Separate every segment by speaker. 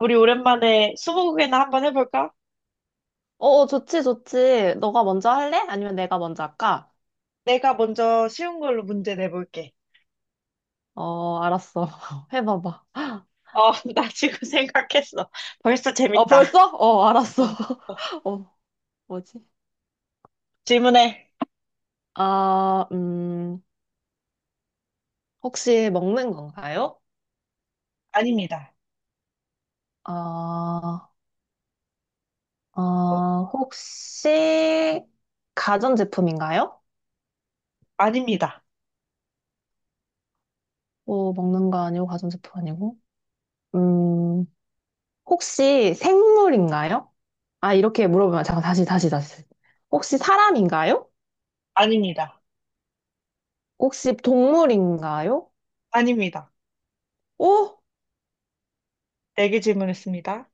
Speaker 1: 우리 오랜만에 스무고개나 한번 해볼까?
Speaker 2: 어, 어, 좋지, 좋지. 너가 먼저 할래? 아니면 내가 먼저 할까?
Speaker 1: 내가 먼저 쉬운 걸로 문제 내볼게.
Speaker 2: 어, 알았어. 해봐봐.
Speaker 1: 나 지금 생각했어. 벌써
Speaker 2: 어,
Speaker 1: 재밌다.
Speaker 2: 벌써? 어,
Speaker 1: 어,
Speaker 2: 알았어.
Speaker 1: 어.
Speaker 2: 어, 뭐지?
Speaker 1: 질문해.
Speaker 2: 아, 혹시 먹는 건가요?
Speaker 1: 아닙니다.
Speaker 2: 아,
Speaker 1: 어,
Speaker 2: 어, 혹시 가전제품인가요?
Speaker 1: 아닙니다.
Speaker 2: 뭐 먹는 거 아니고 가전제품 아니고? 음, 혹시 생물인가요? 아, 이렇게 물어보면 잠깐 다시 다시 다시. 혹시 사람인가요?
Speaker 1: 아닙니다.
Speaker 2: 혹시 동물인가요?
Speaker 1: 아닙니다.
Speaker 2: 오?
Speaker 1: 네 개 질문했습니다.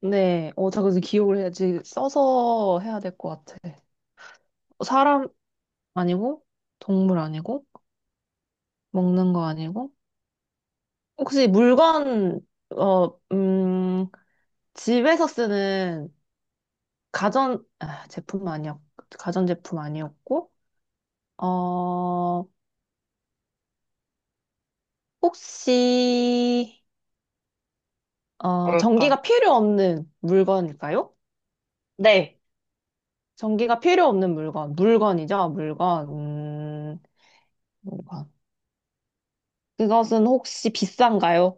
Speaker 2: 네. 어, 자, 그래서 기억을 해야지. 써서 해야 될 것 같아. 사람 아니고, 동물 아니고, 먹는 거 아니고. 혹시 물건, 어, 집에서 쓰는 가전, 아, 제품 아니었, 가전제품 아니었고, 어, 혹시, 어,
Speaker 1: 뭘까?
Speaker 2: 전기가 필요 없는 물건일까요?
Speaker 1: 네.
Speaker 2: 전기가 필요 없는 물건. 물건이죠, 물건. 물건. 그것은 혹시 비싼가요?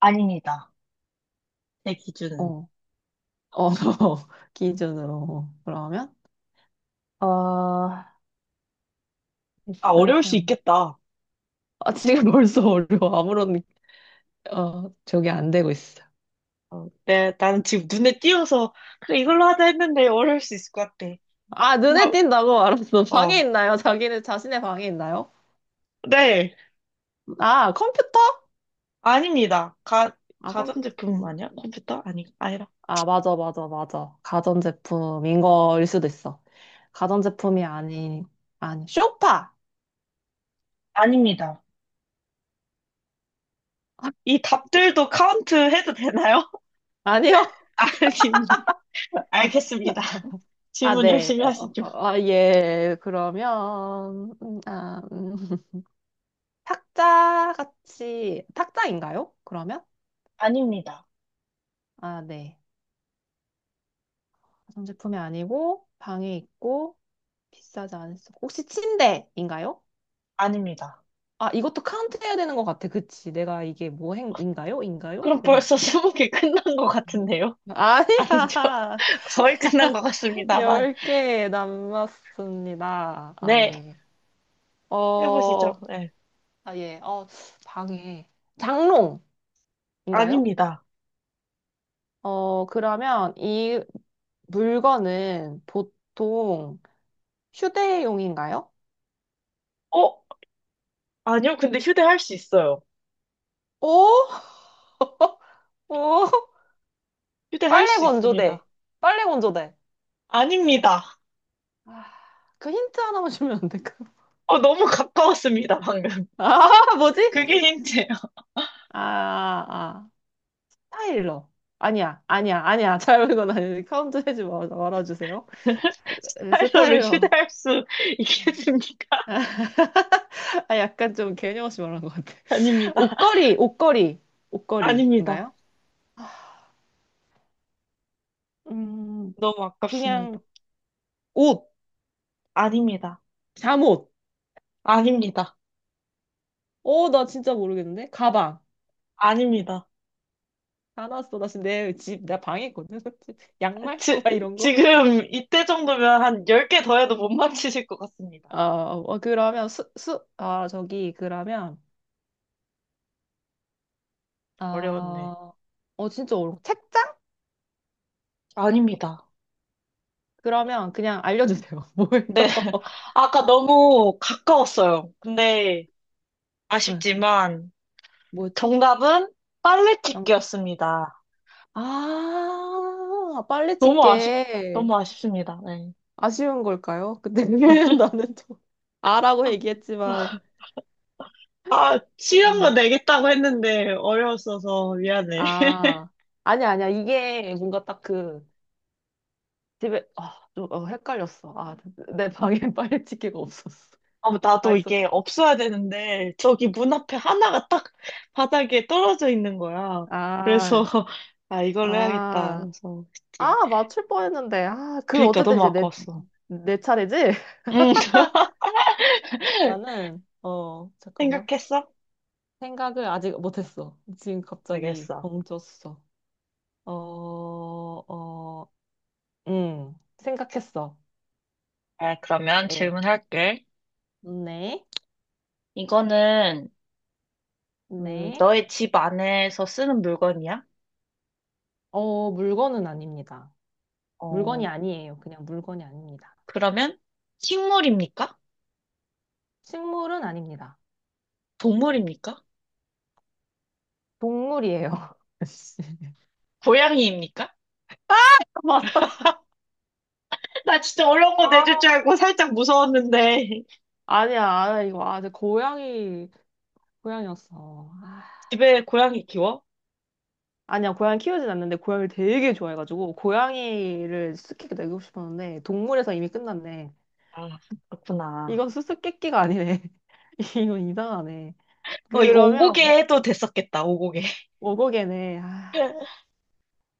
Speaker 1: 아닙니다. 제 기준은.
Speaker 2: 어, 어, 기준으로. 그러면? 어,
Speaker 1: 아, 어려울
Speaker 2: 비싸지
Speaker 1: 수
Speaker 2: 않고.
Speaker 1: 있겠다.
Speaker 2: 아, 지금 벌써 어려워. 아무런, 어, 저게 안 되고 있어.
Speaker 1: 나는 지금 눈에 띄어서, 그래, 이걸로 하자 했는데 어려울 수 있을 것 같아.
Speaker 2: 아,
Speaker 1: 뭐,
Speaker 2: 눈에 띈다고? 알았어. 방에
Speaker 1: 어,
Speaker 2: 있나요? 자기는 자신의 방에 있나요?
Speaker 1: 네.
Speaker 2: 아, 컴퓨터?
Speaker 1: 아닙니다.
Speaker 2: 아, 컴퓨터
Speaker 1: 가전제품
Speaker 2: 피스.
Speaker 1: 아니야? 컴퓨터? 아니, 아니라.
Speaker 2: 아, 맞아, 맞아, 맞아. 가전제품인 거일 수도 있어. 가전제품이 아닌, 아니, 쇼파!
Speaker 1: 아닙니다. 이 답들도 카운트 해도 되나요?
Speaker 2: 아니요?
Speaker 1: 아닙니다. 알겠습니다.
Speaker 2: 아,
Speaker 1: 질문
Speaker 2: 네.
Speaker 1: 열심히
Speaker 2: 어,
Speaker 1: 하시죠.
Speaker 2: 어, 아, 예. 그러면, 아, 탁자같이, 탁자인가요? 그러면?
Speaker 1: 아닙니다.
Speaker 2: 아, 네. 가전제품이 아니고, 방에 있고, 비싸지 않았어. 혹시 침대인가요?
Speaker 1: 아닙니다.
Speaker 2: 아, 이것도 카운트 해야 되는 것 같아. 그치. 내가 이게 뭐 행인가요? 인가요?
Speaker 1: 그럼 벌써
Speaker 2: 그러니까.
Speaker 1: 스무 개 끝난 것 같은데요? 아니죠?
Speaker 2: 아니야.
Speaker 1: 거의 끝난 것 같습니다만.
Speaker 2: 열 개 남았습니다. 아,
Speaker 1: 네.
Speaker 2: 예. 어,
Speaker 1: 해보시죠. 네.
Speaker 2: 아, 예. 어, 방에. 장롱인가요?
Speaker 1: 아닙니다.
Speaker 2: 어, 그러면 이 물건은 보통 휴대용인가요?
Speaker 1: 어? 아니요, 근데 휴대할 수 있어요.
Speaker 2: 오? 오?
Speaker 1: 휴대할
Speaker 2: 빨래
Speaker 1: 수
Speaker 2: 건조대.
Speaker 1: 있습니다.
Speaker 2: 빨래 건조대.
Speaker 1: 아닙니다.
Speaker 2: 아, 그 힌트 하나만 주면 안 될까요?
Speaker 1: 너무 가까웠습니다, 방금.
Speaker 2: 아, 뭐지?
Speaker 1: 그게 힌트예요.
Speaker 2: 아, 아. 스타일러. 아니야, 아니야, 아니야. 잘못 건 아니지. 카운트 해지 말아주세요.
Speaker 1: 스타일러를
Speaker 2: 스타일러.
Speaker 1: 휴대할 수 있겠습니까?
Speaker 2: 아, 약간 좀 개념 없이 말한 것 같아.
Speaker 1: 아닙니다.
Speaker 2: 옷걸이, 옷걸이,
Speaker 1: 아닙니다.
Speaker 2: 옷걸이인가요? 음,
Speaker 1: 너무
Speaker 2: 그냥
Speaker 1: 아깝습니다.
Speaker 2: 옷,
Speaker 1: 아닙니다.
Speaker 2: 잠옷.
Speaker 1: 아닙니다.
Speaker 2: 어, 나 진짜 모르겠는데. 가방.
Speaker 1: 아닙니다.
Speaker 2: 사놨어. 나 지금 내 집, 내 방에 있거든. 양말?
Speaker 1: 지,
Speaker 2: 막 이런 거?
Speaker 1: 지금 이때 정도면 한 10개 더 해도 못 맞히실 것 같습니다.
Speaker 2: 아, 어, 그러면 수, 수, 아, 저기, 그러면,
Speaker 1: 어려웠네.
Speaker 2: 아, 어, 진짜 어려워. 책장?
Speaker 1: 아닙니다.
Speaker 2: 그러면 그냥 알려주세요. 뭐예요?
Speaker 1: 네. 아까 너무 가까웠어요. 근데
Speaker 2: 네,
Speaker 1: 아쉽지만
Speaker 2: 뭐였지?
Speaker 1: 정답은 빨래
Speaker 2: 장...
Speaker 1: 찢기였습니다.
Speaker 2: 아, 빨리
Speaker 1: 너무 아쉽,
Speaker 2: 찍게.
Speaker 1: 너무 아쉽습니다. 네.
Speaker 2: 아쉬운 걸까요? 근데 나는 좀, 아라고 얘기했지만,
Speaker 1: 아, 쉬운 거
Speaker 2: 아,
Speaker 1: 내겠다고 했는데 어려웠어서 미안해.
Speaker 2: 아, 아니야, 아니야. 이게 뭔가 딱 그, 집에 아, 좀 어, 헷갈렸어. 아, 내 방에 빨래치기가 없었어.
Speaker 1: 아,
Speaker 2: 다
Speaker 1: 나도
Speaker 2: 있었
Speaker 1: 이게 없어야 되는데 저기 문 앞에 하나가 딱 바닥에 떨어져 있는 거야.
Speaker 2: 어
Speaker 1: 그래서
Speaker 2: 아,
Speaker 1: 아, 이걸로 해야겠다.
Speaker 2: 아,
Speaker 1: 그래서 했지.
Speaker 2: 아, 맞출 뻔했는데. 아, 그
Speaker 1: 그러니까
Speaker 2: 어쨌든
Speaker 1: 너무
Speaker 2: 이제 내,
Speaker 1: 아까웠어.
Speaker 2: 내 차례지?
Speaker 1: 응.
Speaker 2: 나는 어, 잠깐만.
Speaker 1: 생각했어?
Speaker 2: 생각을 아직 못 했어. 지금 갑자기
Speaker 1: 알겠어.
Speaker 2: 멈췄어. 어, 어, 생각했어.
Speaker 1: 아, 그러면
Speaker 2: 예.
Speaker 1: 질문할게.
Speaker 2: 네.
Speaker 1: 이거는
Speaker 2: 네.
Speaker 1: 너의 집 안에서 쓰는 물건이야?
Speaker 2: 어, 물건은 아닙니다. 물건이
Speaker 1: 어,
Speaker 2: 아니에요. 그냥 물건이 아닙니다.
Speaker 1: 그러면 식물입니까?
Speaker 2: 식물은 아닙니다.
Speaker 1: 동물입니까?
Speaker 2: 동물이에요. 씨.
Speaker 1: 고양이입니까?
Speaker 2: 맞았어.
Speaker 1: 나 진짜 어려운 거 내줄
Speaker 2: 아,
Speaker 1: 줄 알고 살짝 무서웠는데.
Speaker 2: 아니야, 아 이거. 아, 제 고양이, 고양이였어. 아,
Speaker 1: 집에 고양이 키워?
Speaker 2: 아니야, 고양이 키우진 않는데, 고양이를 되게 좋아해가지고, 고양이를 수수께끼 내고 싶었는데, 동물에서 이미 끝났네.
Speaker 1: 아, 그렇구나.
Speaker 2: 이건 수수께끼가 아니네. 이건 이상하네.
Speaker 1: 이거
Speaker 2: 그러면,
Speaker 1: 오고개 해도 됐었겠다, 오고개.
Speaker 2: 오고개네. 아,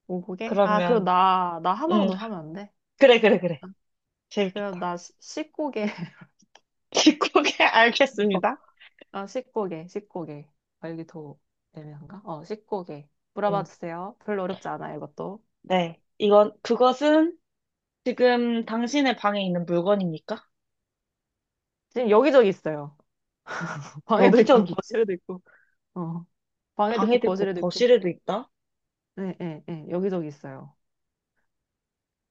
Speaker 2: 오고개? 아, 그럼
Speaker 1: 그러면,
Speaker 2: 나, 나 하나만
Speaker 1: 응,
Speaker 2: 더 하면 안 돼?
Speaker 1: 그래, 그래, 그래.
Speaker 2: 그럼
Speaker 1: 재밌겠다.
Speaker 2: 나 십고개.
Speaker 1: 집고개 알겠습니다.
Speaker 2: 아, 씻고개, 씻고개. 아, 여기 더 애매한가? 어, 씻고개. 물어봐
Speaker 1: 응,
Speaker 2: 주세요. 별로 어렵지 않아요, 이것도.
Speaker 1: 네. 이건, 그것은 지금 당신의 방에 있는 물건입니까?
Speaker 2: 지금 여기저기 있어요. 방에도 있고,
Speaker 1: 여기저기
Speaker 2: 거실에도 있고. 어, 방에도 있고,
Speaker 1: 방에도 있고
Speaker 2: 거실에도 있고.
Speaker 1: 거실에도 있다?
Speaker 2: 네, 네, 네. 여기저기 있어요.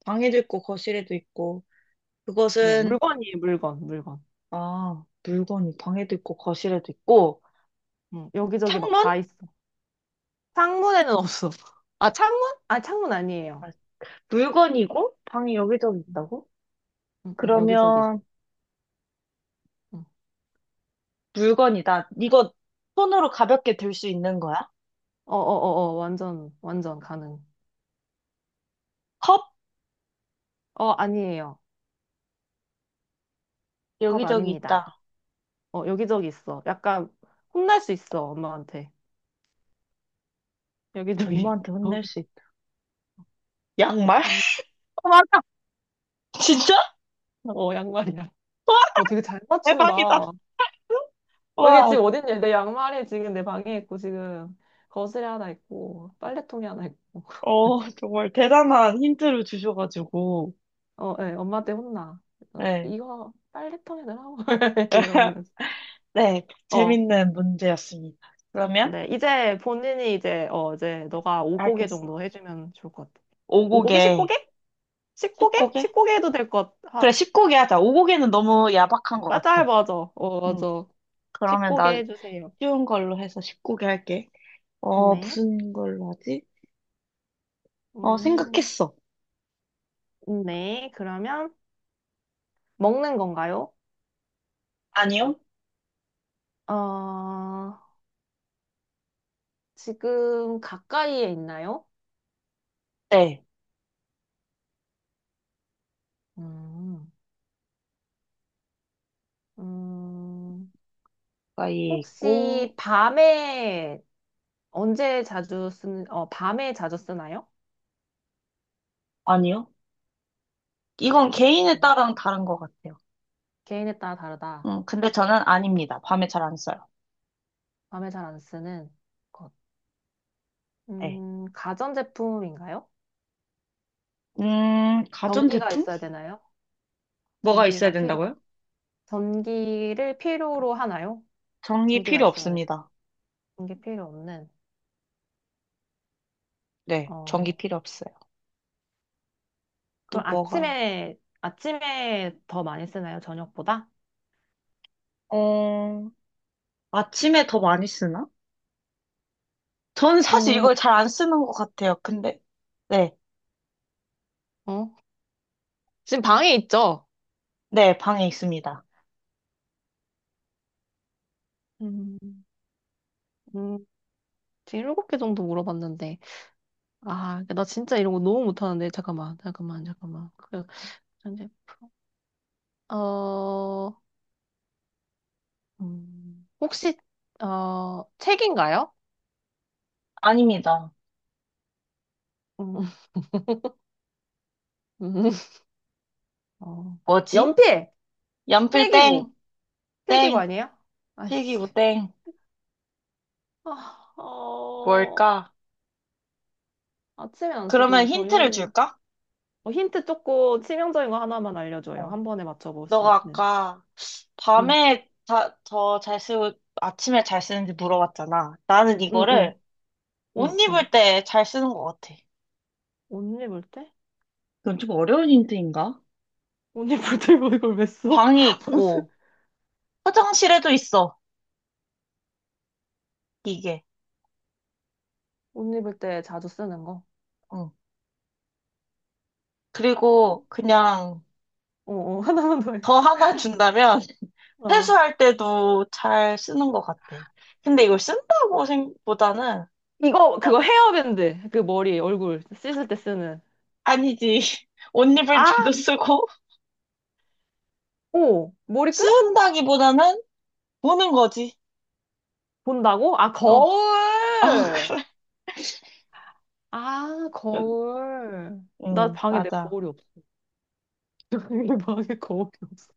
Speaker 1: 방에도 있고 거실에도 있고
Speaker 2: 네,
Speaker 1: 그것은
Speaker 2: 물건이에요, 물건, 물건.
Speaker 1: 아, 물건이 방에도 있고 거실에도 있고
Speaker 2: 응, 여기저기 막 다
Speaker 1: 창문,
Speaker 2: 있어. 창문에는 없어. 아, 창문? 아, 창문 아니에요.
Speaker 1: 물건이고 방이 여기저기
Speaker 2: 응,
Speaker 1: 있다고?
Speaker 2: 응, 응, 여기저기 있어.
Speaker 1: 그러면
Speaker 2: 응.
Speaker 1: 물건이다. 이거 손으로 가볍게 들 수 있는 거야?
Speaker 2: 어, 어, 어, 어, 완전, 완전 가능.
Speaker 1: 컵.
Speaker 2: 어, 아니에요. 컵
Speaker 1: 여기저기
Speaker 2: 아닙니다.
Speaker 1: 있다.
Speaker 2: 어, 여기저기 있어. 약간 혼날 수 있어, 엄마한테. 여기저기
Speaker 1: 엄마한테
Speaker 2: 있어.
Speaker 1: 혼낼 수 있다. 양말?
Speaker 2: 어, 맞아.
Speaker 1: 진짜?
Speaker 2: 어, 양말이야.
Speaker 1: 와,
Speaker 2: 어, 되게 잘 맞춘다.
Speaker 1: 대박이다.
Speaker 2: 어, 이게
Speaker 1: 와,
Speaker 2: 지금
Speaker 1: 진짜.
Speaker 2: 어딨냐? 내 양말이 지금 내 방에 있고, 지금 거실에 하나 있고, 빨래통에 하나 있고.
Speaker 1: 정말 대단한 힌트를 주셔가지고.
Speaker 2: 어, 예, 엄마한테 혼나. 그래서
Speaker 1: 네.
Speaker 2: 이거 빨래통에 넣으라고. 이런, 이런.
Speaker 1: 네,
Speaker 2: 어,
Speaker 1: 재밌는 문제였습니다. 그러면
Speaker 2: 네. 이제 본인이 이제, 어, 이제 너가 5고개 정도
Speaker 1: 알겠어.
Speaker 2: 해주면 좋을 것 같아. 5고개?
Speaker 1: 오곡에,
Speaker 2: 10고개? 10고개?
Speaker 1: 10곡에?
Speaker 2: 십 고개 해도 될 것
Speaker 1: 그래,
Speaker 2: 같아.
Speaker 1: 10곡에 하자. 오곡에는 너무 야박한 것 같아.
Speaker 2: 맞아, 맞아. 어,
Speaker 1: 응.
Speaker 2: 맞아.
Speaker 1: 그러면
Speaker 2: 10고개
Speaker 1: 나
Speaker 2: 해주세요.
Speaker 1: 쉬운 걸로 해서 10곡에 할게.
Speaker 2: 네.
Speaker 1: 무슨 걸로 하지?
Speaker 2: 음.
Speaker 1: 생각했어.
Speaker 2: 네, 그러면 먹는 건가요?
Speaker 1: 아니요?
Speaker 2: 어, 지금 가까이에 있나요?
Speaker 1: 네.
Speaker 2: 음, 음,
Speaker 1: 가이에
Speaker 2: 혹시
Speaker 1: 있고,
Speaker 2: 밤에 언제 자주 쓰는, 어, 밤에 자주 쓰나요?
Speaker 1: 아니요. 이건 개인에
Speaker 2: 네.
Speaker 1: 따라 다른 것 같아요.
Speaker 2: 개인에 따라 다르다.
Speaker 1: 근데 저는 아닙니다. 밤에 잘 안 써요.
Speaker 2: 밤에 잘 안 쓰는 것.
Speaker 1: 네.
Speaker 2: 가전제품인가요? 전기가
Speaker 1: 가전제품?
Speaker 2: 있어야 되나요?
Speaker 1: 뭐가 있어야
Speaker 2: 전기가 필요한.
Speaker 1: 된다고요?
Speaker 2: 전기를 필요로 하나요?
Speaker 1: 전기
Speaker 2: 전기가
Speaker 1: 필요
Speaker 2: 있어야 돼요.
Speaker 1: 없습니다.
Speaker 2: 전기 필요 없는.
Speaker 1: 네, 전기
Speaker 2: 어,
Speaker 1: 필요 없어요. 또
Speaker 2: 그럼
Speaker 1: 뭐가?
Speaker 2: 아침에, 아침에 더 많이 쓰나요? 저녁보다?
Speaker 1: 어, 아침에 더 많이 쓰나? 저는 사실
Speaker 2: 음,
Speaker 1: 이걸 잘 안 쓰는 것 같아요. 근데, 네,
Speaker 2: 어? 지금 방에 있죠?
Speaker 1: 네, 방에 있습니다.
Speaker 2: 음. 음, 지금 일곱 개 정도 물어봤는데. 아, 나 진짜 이런 거 너무 못하는데. 잠깐만, 잠깐만, 잠깐만. 그, 현재 프로. 어, 혹시, 어, 책인가요?
Speaker 1: 아닙니다.
Speaker 2: 음, 음, 어,
Speaker 1: 뭐지?
Speaker 2: 연필!
Speaker 1: 연필
Speaker 2: 필기구!
Speaker 1: 땡,
Speaker 2: 필기구
Speaker 1: 땡,
Speaker 2: 아니에요? 아씨.
Speaker 1: 필기구 땡,
Speaker 2: 아, 어,
Speaker 1: 뭘까?
Speaker 2: 아침에 안
Speaker 1: 그러면
Speaker 2: 쓰고
Speaker 1: 힌트를
Speaker 2: 저녁에.
Speaker 1: 줄까?
Speaker 2: 어, 힌트 조금 치명적인 거 하나만 알려줘요.
Speaker 1: 어.
Speaker 2: 한 번에 맞춰볼 수
Speaker 1: 너가
Speaker 2: 있는.
Speaker 1: 아까
Speaker 2: 응,
Speaker 1: 밤에 더 잘 쓰고 아침에 잘 쓰는지 물어봤잖아. 나는
Speaker 2: 응, 응,
Speaker 1: 이거를 옷
Speaker 2: 응, 응.
Speaker 1: 입을 때 잘 쓰는 것 같아.
Speaker 2: 옷 입을 때?
Speaker 1: 이건 좀 어려운 힌트인가?
Speaker 2: 옷 입을 때 뭐 이걸 왜 써?
Speaker 1: 방에
Speaker 2: 무슨
Speaker 1: 있고, 화장실에도 있어, 이게.
Speaker 2: 옷 입을 때 자주 쓰는 거?
Speaker 1: 응. 그리고
Speaker 2: 음.
Speaker 1: 그냥
Speaker 2: 어, 어, 하나만 더 할게.
Speaker 1: 더 하나 준다면,
Speaker 2: 어.
Speaker 1: 세수할 때도 잘 쓰는 것 같아. 근데 이걸 쓴다고 생각보다는
Speaker 2: 이거,
Speaker 1: 딱
Speaker 2: 그거 헤어밴드. 그 머리, 얼굴 씻을 때 쓰는.
Speaker 1: 아니지. 옷 입을
Speaker 2: 아,
Speaker 1: 때도 쓰고
Speaker 2: 오, 머리끈?
Speaker 1: 쓴다기보다는 보는 거지.
Speaker 2: 본다고? 아,
Speaker 1: 어, 아,
Speaker 2: 거울!
Speaker 1: 그래.
Speaker 2: 아, 거울. 나
Speaker 1: 응,
Speaker 2: 방에 내
Speaker 1: 맞아.
Speaker 2: 거울이 없어. 방에 거울이 없어.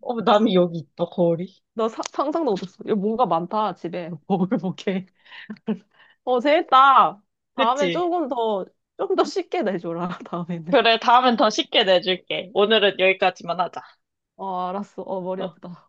Speaker 1: 남이 여기 있다, 거울이.
Speaker 2: 나 상상도 못했어. 이 뭔가 많다, 집에. 먹을먹게. 어, 재밌다. 다음에
Speaker 1: 그치?
Speaker 2: 조금 더, 좀 더 쉽게 내줘라, 다음에는.
Speaker 1: 그래, 다음엔 더 쉽게 내줄게. 오늘은 여기까지만 하자.
Speaker 2: 어, 알았어. 어, 머리
Speaker 1: 어.
Speaker 2: 아프다.